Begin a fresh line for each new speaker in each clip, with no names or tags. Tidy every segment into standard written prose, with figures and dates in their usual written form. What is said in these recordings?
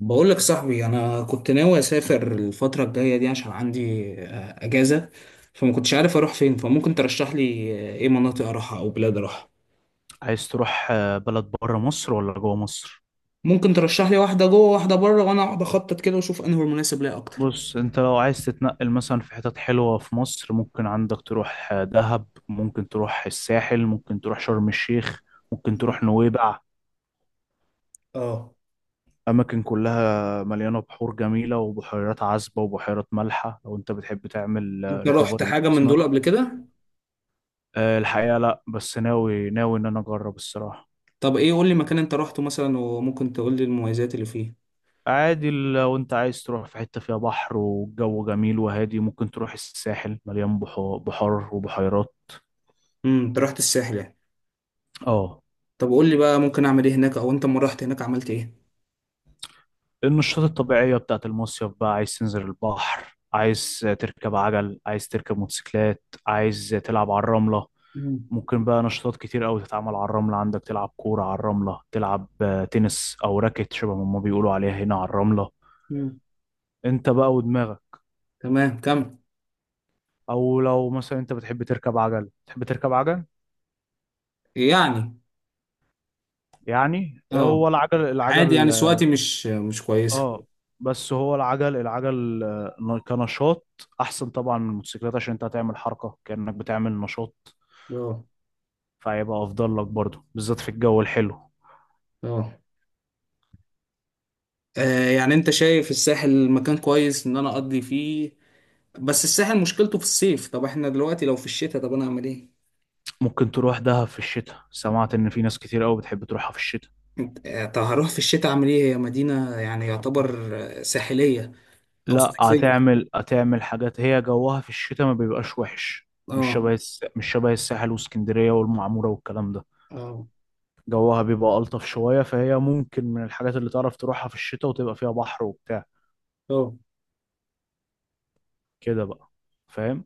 بقول لك يا صاحبي، انا كنت ناوي اسافر الفتره الجايه دي عشان عندي اجازه. فما كنتش عارف اروح فين، فممكن ترشح لي ايه مناطق اروحها او بلاد اروحها؟
عايز تروح بلد بره مصر ولا جوه مصر؟
ممكن ترشح لي واحده جوه واحده بره، وانا اقعد اخطط كده واشوف انهي المناسب ليا اكتر.
بص، انت لو عايز تتنقل مثلا في حتت حلوة في مصر، ممكن عندك تروح دهب، ممكن تروح الساحل، ممكن تروح شرم الشيخ، ممكن تروح نويبع.
اه.
أماكن كلها مليانة بحور جميلة وبحيرات عذبة وبحيرات مالحة لو انت بتحب تعمل
انت رحت
ريكفري
حاجه من دول قبل
لجسمك.
كده؟
الحقيقة لا، بس ناوي ان انا اجرب الصراحة.
طب ايه، قول لي مكان انت رحته مثلا وممكن تقول لي المميزات اللي فيه.
عادي، لو انت عايز تروح في حتة فيها بحر والجو جميل وهادي ممكن تروح الساحل، مليان بحار وبحيرات.
انت رحت الساحل يعني؟
اه.
طب قول لي بقى، ممكن اعمل ايه هناك او انت لما رحت هناك عملت ايه؟
النشاطات الطبيعية بتاعت المصيف بقى، عايز تنزل البحر، عايز تركب عجل، عايز تركب موتوسيكلات، عايز تلعب على الرملة.
مم.
ممكن بقى نشاطات كتير أوي تتعمل على الرملة، عندك تلعب كورة على الرملة، تلعب تنس أو راكت شبه ما هما بيقولوا عليها هنا على الرملة.
مم.
انت بقى ودماغك.
تمام، كمل.
او لو مثلا انت بتحب تركب عجل، تحب تركب عجل
يعني.
يعني،
اه.
هو العجل
عادي
العجل.
يعني، سواتي مش كويسة.
اه. بس هو العجل العجل كنشاط احسن طبعا من الموتوسيكلات، عشان انت هتعمل حركه كانك بتعمل نشاط،
اه.
فهيبقى افضل لك برضه بالذات في الجو الحلو.
اه. يعني انت شايف الساحل مكان كويس ان انا اقضي فيه؟ بس الساحل مشكلته في الصيف. طب احنا دلوقتي لو في الشتاء، طب انا اعمل ايه؟
ممكن تروح دهب في الشتاء، سمعت ان في ناس كتير قوي بتحب تروحها في الشتاء.
طب هروح في الشتاء اعمل ايه؟ هي مدينة يعني يعتبر ساحلية او
لا،
صيفية.
هتعمل هتعمل حاجات، هي جوها في الشتاء ما بيبقاش وحش، مش
اه.
شبه مش شبه الساحل واسكندريه والمعموره والكلام ده.
اه.
جوها بيبقى الطف شويه، فهي ممكن من الحاجات اللي تعرف تروحها في الشتاء وتبقى فيها بحر وبتاع
اه.
كده بقى. فاهم؟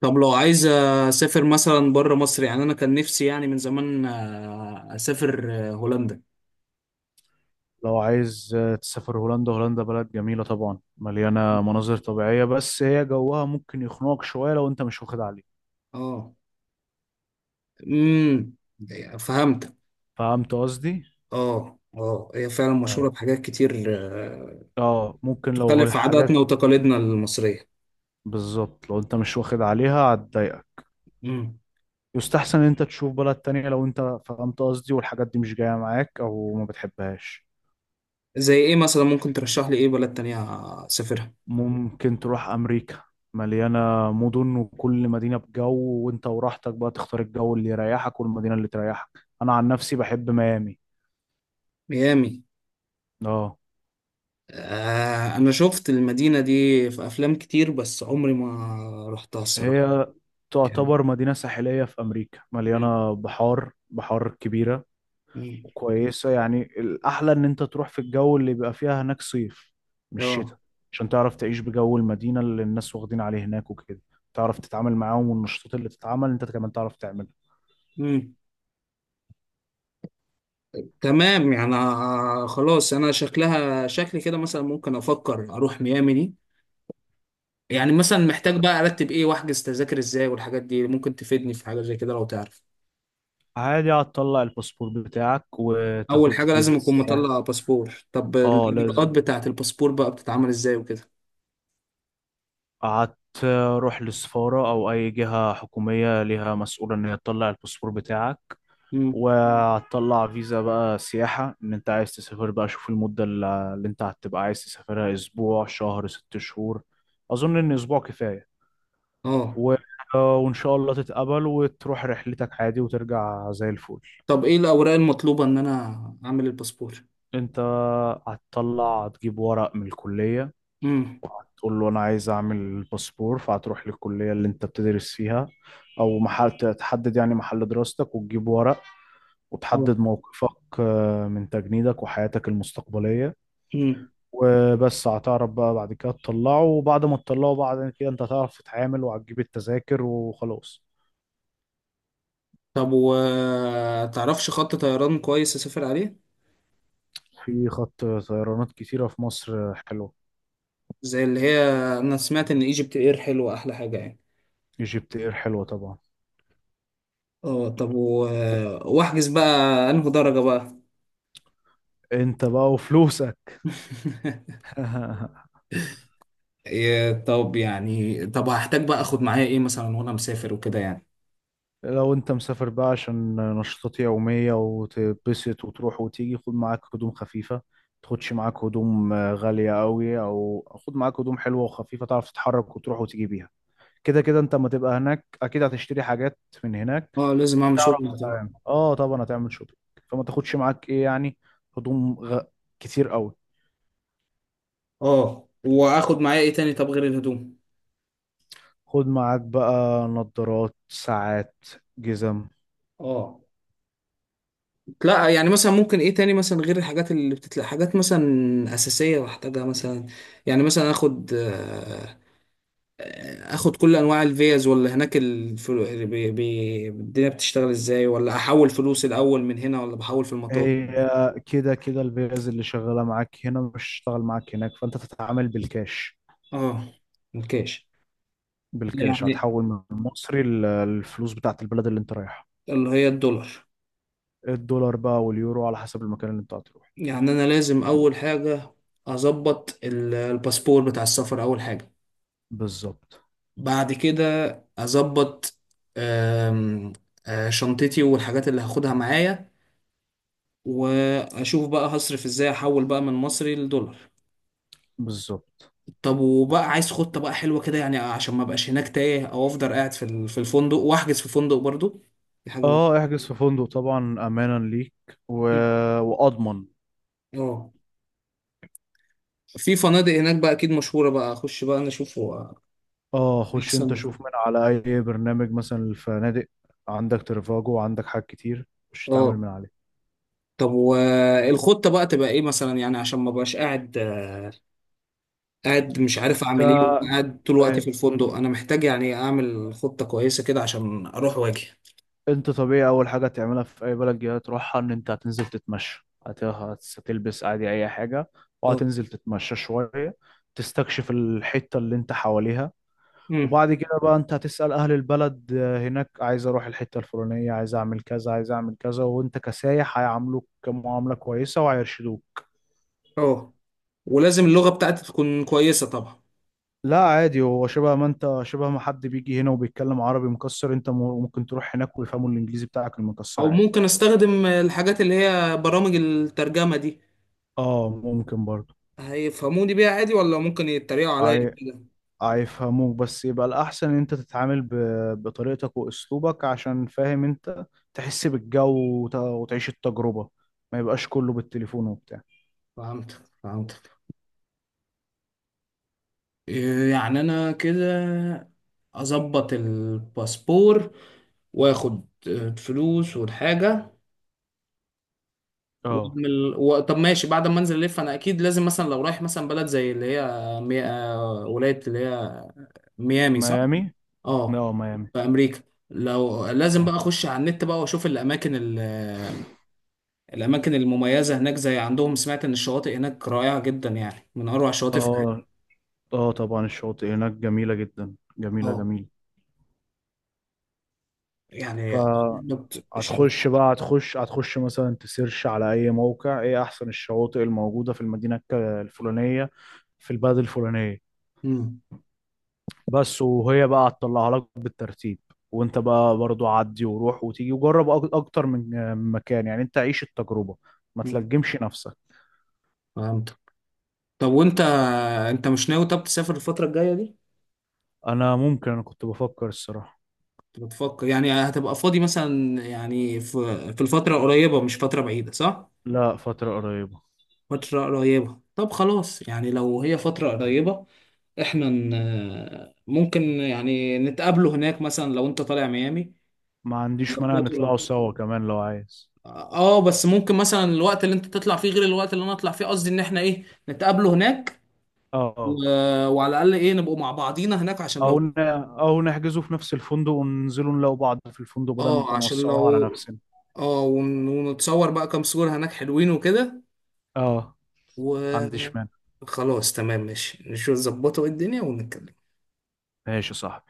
طب لو عايز اسافر مثلا بره مصر، يعني انا كان نفسي يعني من زمان اسافر هولندا.
لو عايز تسافر هولندا، هولندا بلد جميلة طبعا، مليانة مناظر طبيعية، بس هي جوها ممكن يخنقك شوية لو انت مش واخد عليه.
اه. امم فهمت.
فهمت قصدي؟
اه، اه، هي فعلا مشهورة
ايوه.
بحاجات كتير
اه، ممكن لو هي
تخالف عاداتنا
حاجات
وتقاليدنا المصرية.
بالظبط، لو انت مش واخد عليها هتضايقك.
مم.
يستحسن ان انت تشوف بلد تانية لو انت فهمت قصدي، والحاجات دي مش جاية معاك او ما بتحبهاش.
زي ايه مثلا؟ ممكن ترشح لي ايه بلد تانية اسافرها؟
ممكن تروح امريكا، مليانة مدن وكل مدينة بجو، وانت وراحتك بقى تختار الجو اللي يريحك والمدينة اللي تريحك. انا عن نفسي بحب ميامي.
ميامي؟
اه.
آه، انا شفت المدينة دي في افلام كتير بس عمري ما رحتها الصراحة.
هي
يعني.
تعتبر مدينة ساحلية في أمريكا،
مم.
مليانة بحار، بحار كبيرة
مم.
وكويسة يعني. الأحلى إن أنت تروح في الجو اللي بيبقى فيها هناك صيف، مش شتاء،
اه.
عشان تعرف تعيش بجو المدينة اللي الناس واخدين عليه هناك وكده، تعرف تتعامل معاهم، والنشاطات اللي تتعمل أنت كمان تعرف تعملها.
مم. تمام يعني، خلاص انا شكلها شكلي كده مثلا ممكن افكر اروح ميامي دي. يعني مثلا، محتاج بقى ارتب ايه واحجز تذاكر ازاي والحاجات دي؟ ممكن تفيدني في حاجة زي كده لو تعرف.
عادي، هتطلع الباسبور بتاعك
اول
وتاخد
حاجه
فيزا
لازم اكون
سياحة.
مطلع باسبور. طب
اه
الاجراءات
لازم.
بتاعه الباسبور بقى بتتعمل ازاي وكده؟
قعدت. روح للسفارة أو أي جهة حكومية ليها مسؤولة إن هي تطلع الباسبور بتاعك.
امم.
وهتطلع فيزا بقى سياحة، إن أنت عايز تسافر بقى، شوف المدة اللي أنت هتبقى عايز تسافرها، أسبوع، شهر، ست شهور. أظن إن أسبوع كفاية.
اه.
و... وإن شاء الله تتقبل وتروح رحلتك عادي وترجع زي الفل.
طب ايه الاوراق المطلوبه ان انا اعمل الباسبور؟
أنت هتطلع هتجيب ورق من الكلية،
امم.
وهتقول له أنا عايز أعمل باسبور، فهتروح للكلية اللي أنت بتدرس فيها، أو محل تحدد يعني محل دراستك، وتجيب ورق
اه.
وتحدد موقفك من تجنيدك وحياتك المستقبلية.
امم.
وبس، هتعرف بقى بعد كده تطلعه، وبعد ما تطلعه بعد كده انت هتعرف تتعامل وهتجيب التذاكر وخلاص.
طب وتعرفش خط طيران كويس اسافر عليه؟
في خط طيرانات كتيرة في مصر حلوة.
زي اللي هي، انا سمعت ان ايجيبت اير حلوه احلى حاجه يعني.
ايجيبت اير حلوة طبعا.
اه. طب واحجز بقى، انه درجه بقى؟
انت بقى وفلوسك.
إيه، طب يعني، طب هحتاج بقى اخد معايا ايه مثلا وانا مسافر وكده يعني؟
لو انت مسافر بقى عشان نشاطات يومية وتتبسط وتروح وتيجي، خد معاك هدوم خفيفة. تاخدش معاك هدوم غالية قوي، او خد معاك هدوم حلوة وخفيفة تعرف تتحرك وتروح وتيجي بيها. كده كده انت اما تبقى هناك اكيد هتشتري حاجات من هناك،
اه، لازم اعمل شغل.
فتعرف تتعامل. اه طبعا هتعمل شوبينج. فما تاخدش معاك ايه يعني، هدوم غ... كتير قوي.
اه. واخد معايا ايه تاني طب غير الهدوم؟
خد معاك بقى نظارات، ساعات، جزم.
اه. لا يعني، مثلا ممكن ايه تاني مثلا غير الحاجات اللي بتتلاقي، حاجات مثلا اساسيه بحتاجها مثلا؟ يعني مثلا اخد اخد كل انواع الفيز، ولا هناك الدنيا بتشتغل ازاي، ولا احول فلوس الاول من هنا، ولا بحول في المطار؟
هي كده كده الفيز اللي شغاله معاك هنا مش هتشتغل معاك هناك، فانت تتعامل بالكاش.
اه. الكاش.
بالكاش
يعني
هتحول من المصري للفلوس بتاعت البلد اللي انت رايحها.
اللي هي الدولار.
الدولار بقى واليورو على حسب المكان اللي انت هتروح.
يعني انا لازم اول حاجه اظبط الباسبور بتاع السفر اول حاجه.
بالظبط.
بعد كده اظبط آم، آه، شنطتي والحاجات اللي هاخدها معايا. واشوف بقى هصرف ازاي، احول بقى من مصري لدولار.
بالظبط.
طب وبقى عايز خطة بقى حلوة كده يعني عشان ما ابقاش هناك تايه، او افضل قاعد في في الفندق. واحجز في فندق برضو، دي حاجة مهمة.
اه احجز في فندق طبعا، امانا ليك، و...
مم.
واضمن.
اه. في فنادق هناك بقى اكيد مشهورة، بقى اخش بقى انا اشوف هو
اه، خش
احسن
انت
وكده.
شوف من على اي برنامج مثلا الفنادق. عندك ترفاجو وعندك حاجات كتير مش تتعامل
اه.
من عليه.
طب والخطة بقى تبقى ايه مثلا، يعني عشان ما بقاش قاعد، قاعد مش عارف
ف...
اعمل ايه،
آه،
وقاعد طول وقتي في الفندق. انا محتاج يعني اعمل خطة كويسة كده عشان اروح واجي.
انت طبيعي اول حاجه تعملها في اي بلد جديده تروحها ان انت هتنزل تتمشى، هتلبس عادي اي حاجه
اه.
وهتنزل تتمشى شويه، تستكشف الحته اللي انت حواليها.
امم
وبعد كده بقى انت هتسأل اهل البلد هناك، عايز اروح الحتة الفلانية، عايز اعمل كذا، عايز اعمل كذا، وانت كسايح هيعاملوك معاملة كويسة وهيرشدوك.
اه. ولازم اللغة بتاعتي تكون كويسة طبعا؟
لا عادي، هو شبه ما انت، شبه ما حد بيجي هنا وبيتكلم عربي مكسر، انت ممكن تروح هناك ويفهموا الانجليزي بتاعك المكسر
او
عادي.
ممكن استخدم الحاجات اللي هي برامج الترجمة دي،
اه ممكن برضه.
هيفهموني بيها عادي، ولا ممكن يتريقوا عليا
هي-
كده؟
هيفهموك، بس يبقى الاحسن ان انت تتعامل بطريقتك واسلوبك عشان فاهم انت، تحس بالجو وتعيش التجربة، ما يبقاش كله بالتليفون وبتاع.
فهمتك، فهمتك. إيه يعني، انا كده اظبط الباسبور واخد الفلوس والحاجة
اه
واعمل طب ماشي، بعد ما انزل الف انا اكيد لازم مثلا لو رايح مثلا بلد زي اللي هي مي... آه، ولايه اللي هي ميامي صح؟
ميامي.
اه.
اه ميامي.
في امريكا. لو لازم بقى
اه.
اخش على النت بقى واشوف الاماكن الاماكن المميزه هناك، زي عندهم سمعت ان الشواطئ هناك رائعه جدا يعني من اروع الشواطئ في العالم.
اه. اه طبعا الشواطئ هناك جميلة جدا، جميلة
اه،
جميلة.
يعني.
فهتخش
بالظبط الشواطئ.
بقى، هتخش هتخش مثلا تسيرش على اي موقع ايه احسن الشواطئ الموجودة في المدينة الفلانية، في البلد الفلانية
امم.
بس، وهي بقى هتطلعها لك بالترتيب. وانت بقى برضو عدي وروح وتيجي وجرب اكتر من من مكان يعني، انت عيش التجربة، ما
أمم.
تلجمش نفسك.
فهمت. طب وانت، انت مش ناوي طب تسافر الفتره الجايه دي؟
انا ممكن، انا كنت بفكر الصراحة.
كنت بتفكر؟ يعني هتبقى فاضي مثلا يعني في الفترة قريبة مش فترة بعيدة صح؟
لا، فترة قريبة.
فترة قريبة. طب خلاص يعني لو هي فترة قريبة، احنا ممكن يعني نتقابله هناك مثلا لو انت طالع ميامي.
ما عنديش مانع
نظبطه
نطلعوا
ده.
سوا كمان لو عايز.
اه. بس ممكن مثلا الوقت اللي انت تطلع فيه غير الوقت اللي انا اطلع فيه، قصدي ان احنا ايه، نتقابله هناك و...
اه.
وعلى الاقل ايه، نبقوا مع بعضينا هناك عشان
او
لو.
ن... او نحجزه في نفس الفندق وننزلوا نلاقوا بعض في الفندق بدل ما
اه، عشان
نوسعوها على
لو.
نفسنا.
اه. ونتصور بقى كام صورة هناك حلوين وكده
اه
و...
ما عنديش مانع.
خلاص تمام ماشي، نشوف نظبطه الدنيا ونتكلم.
ماشي صح.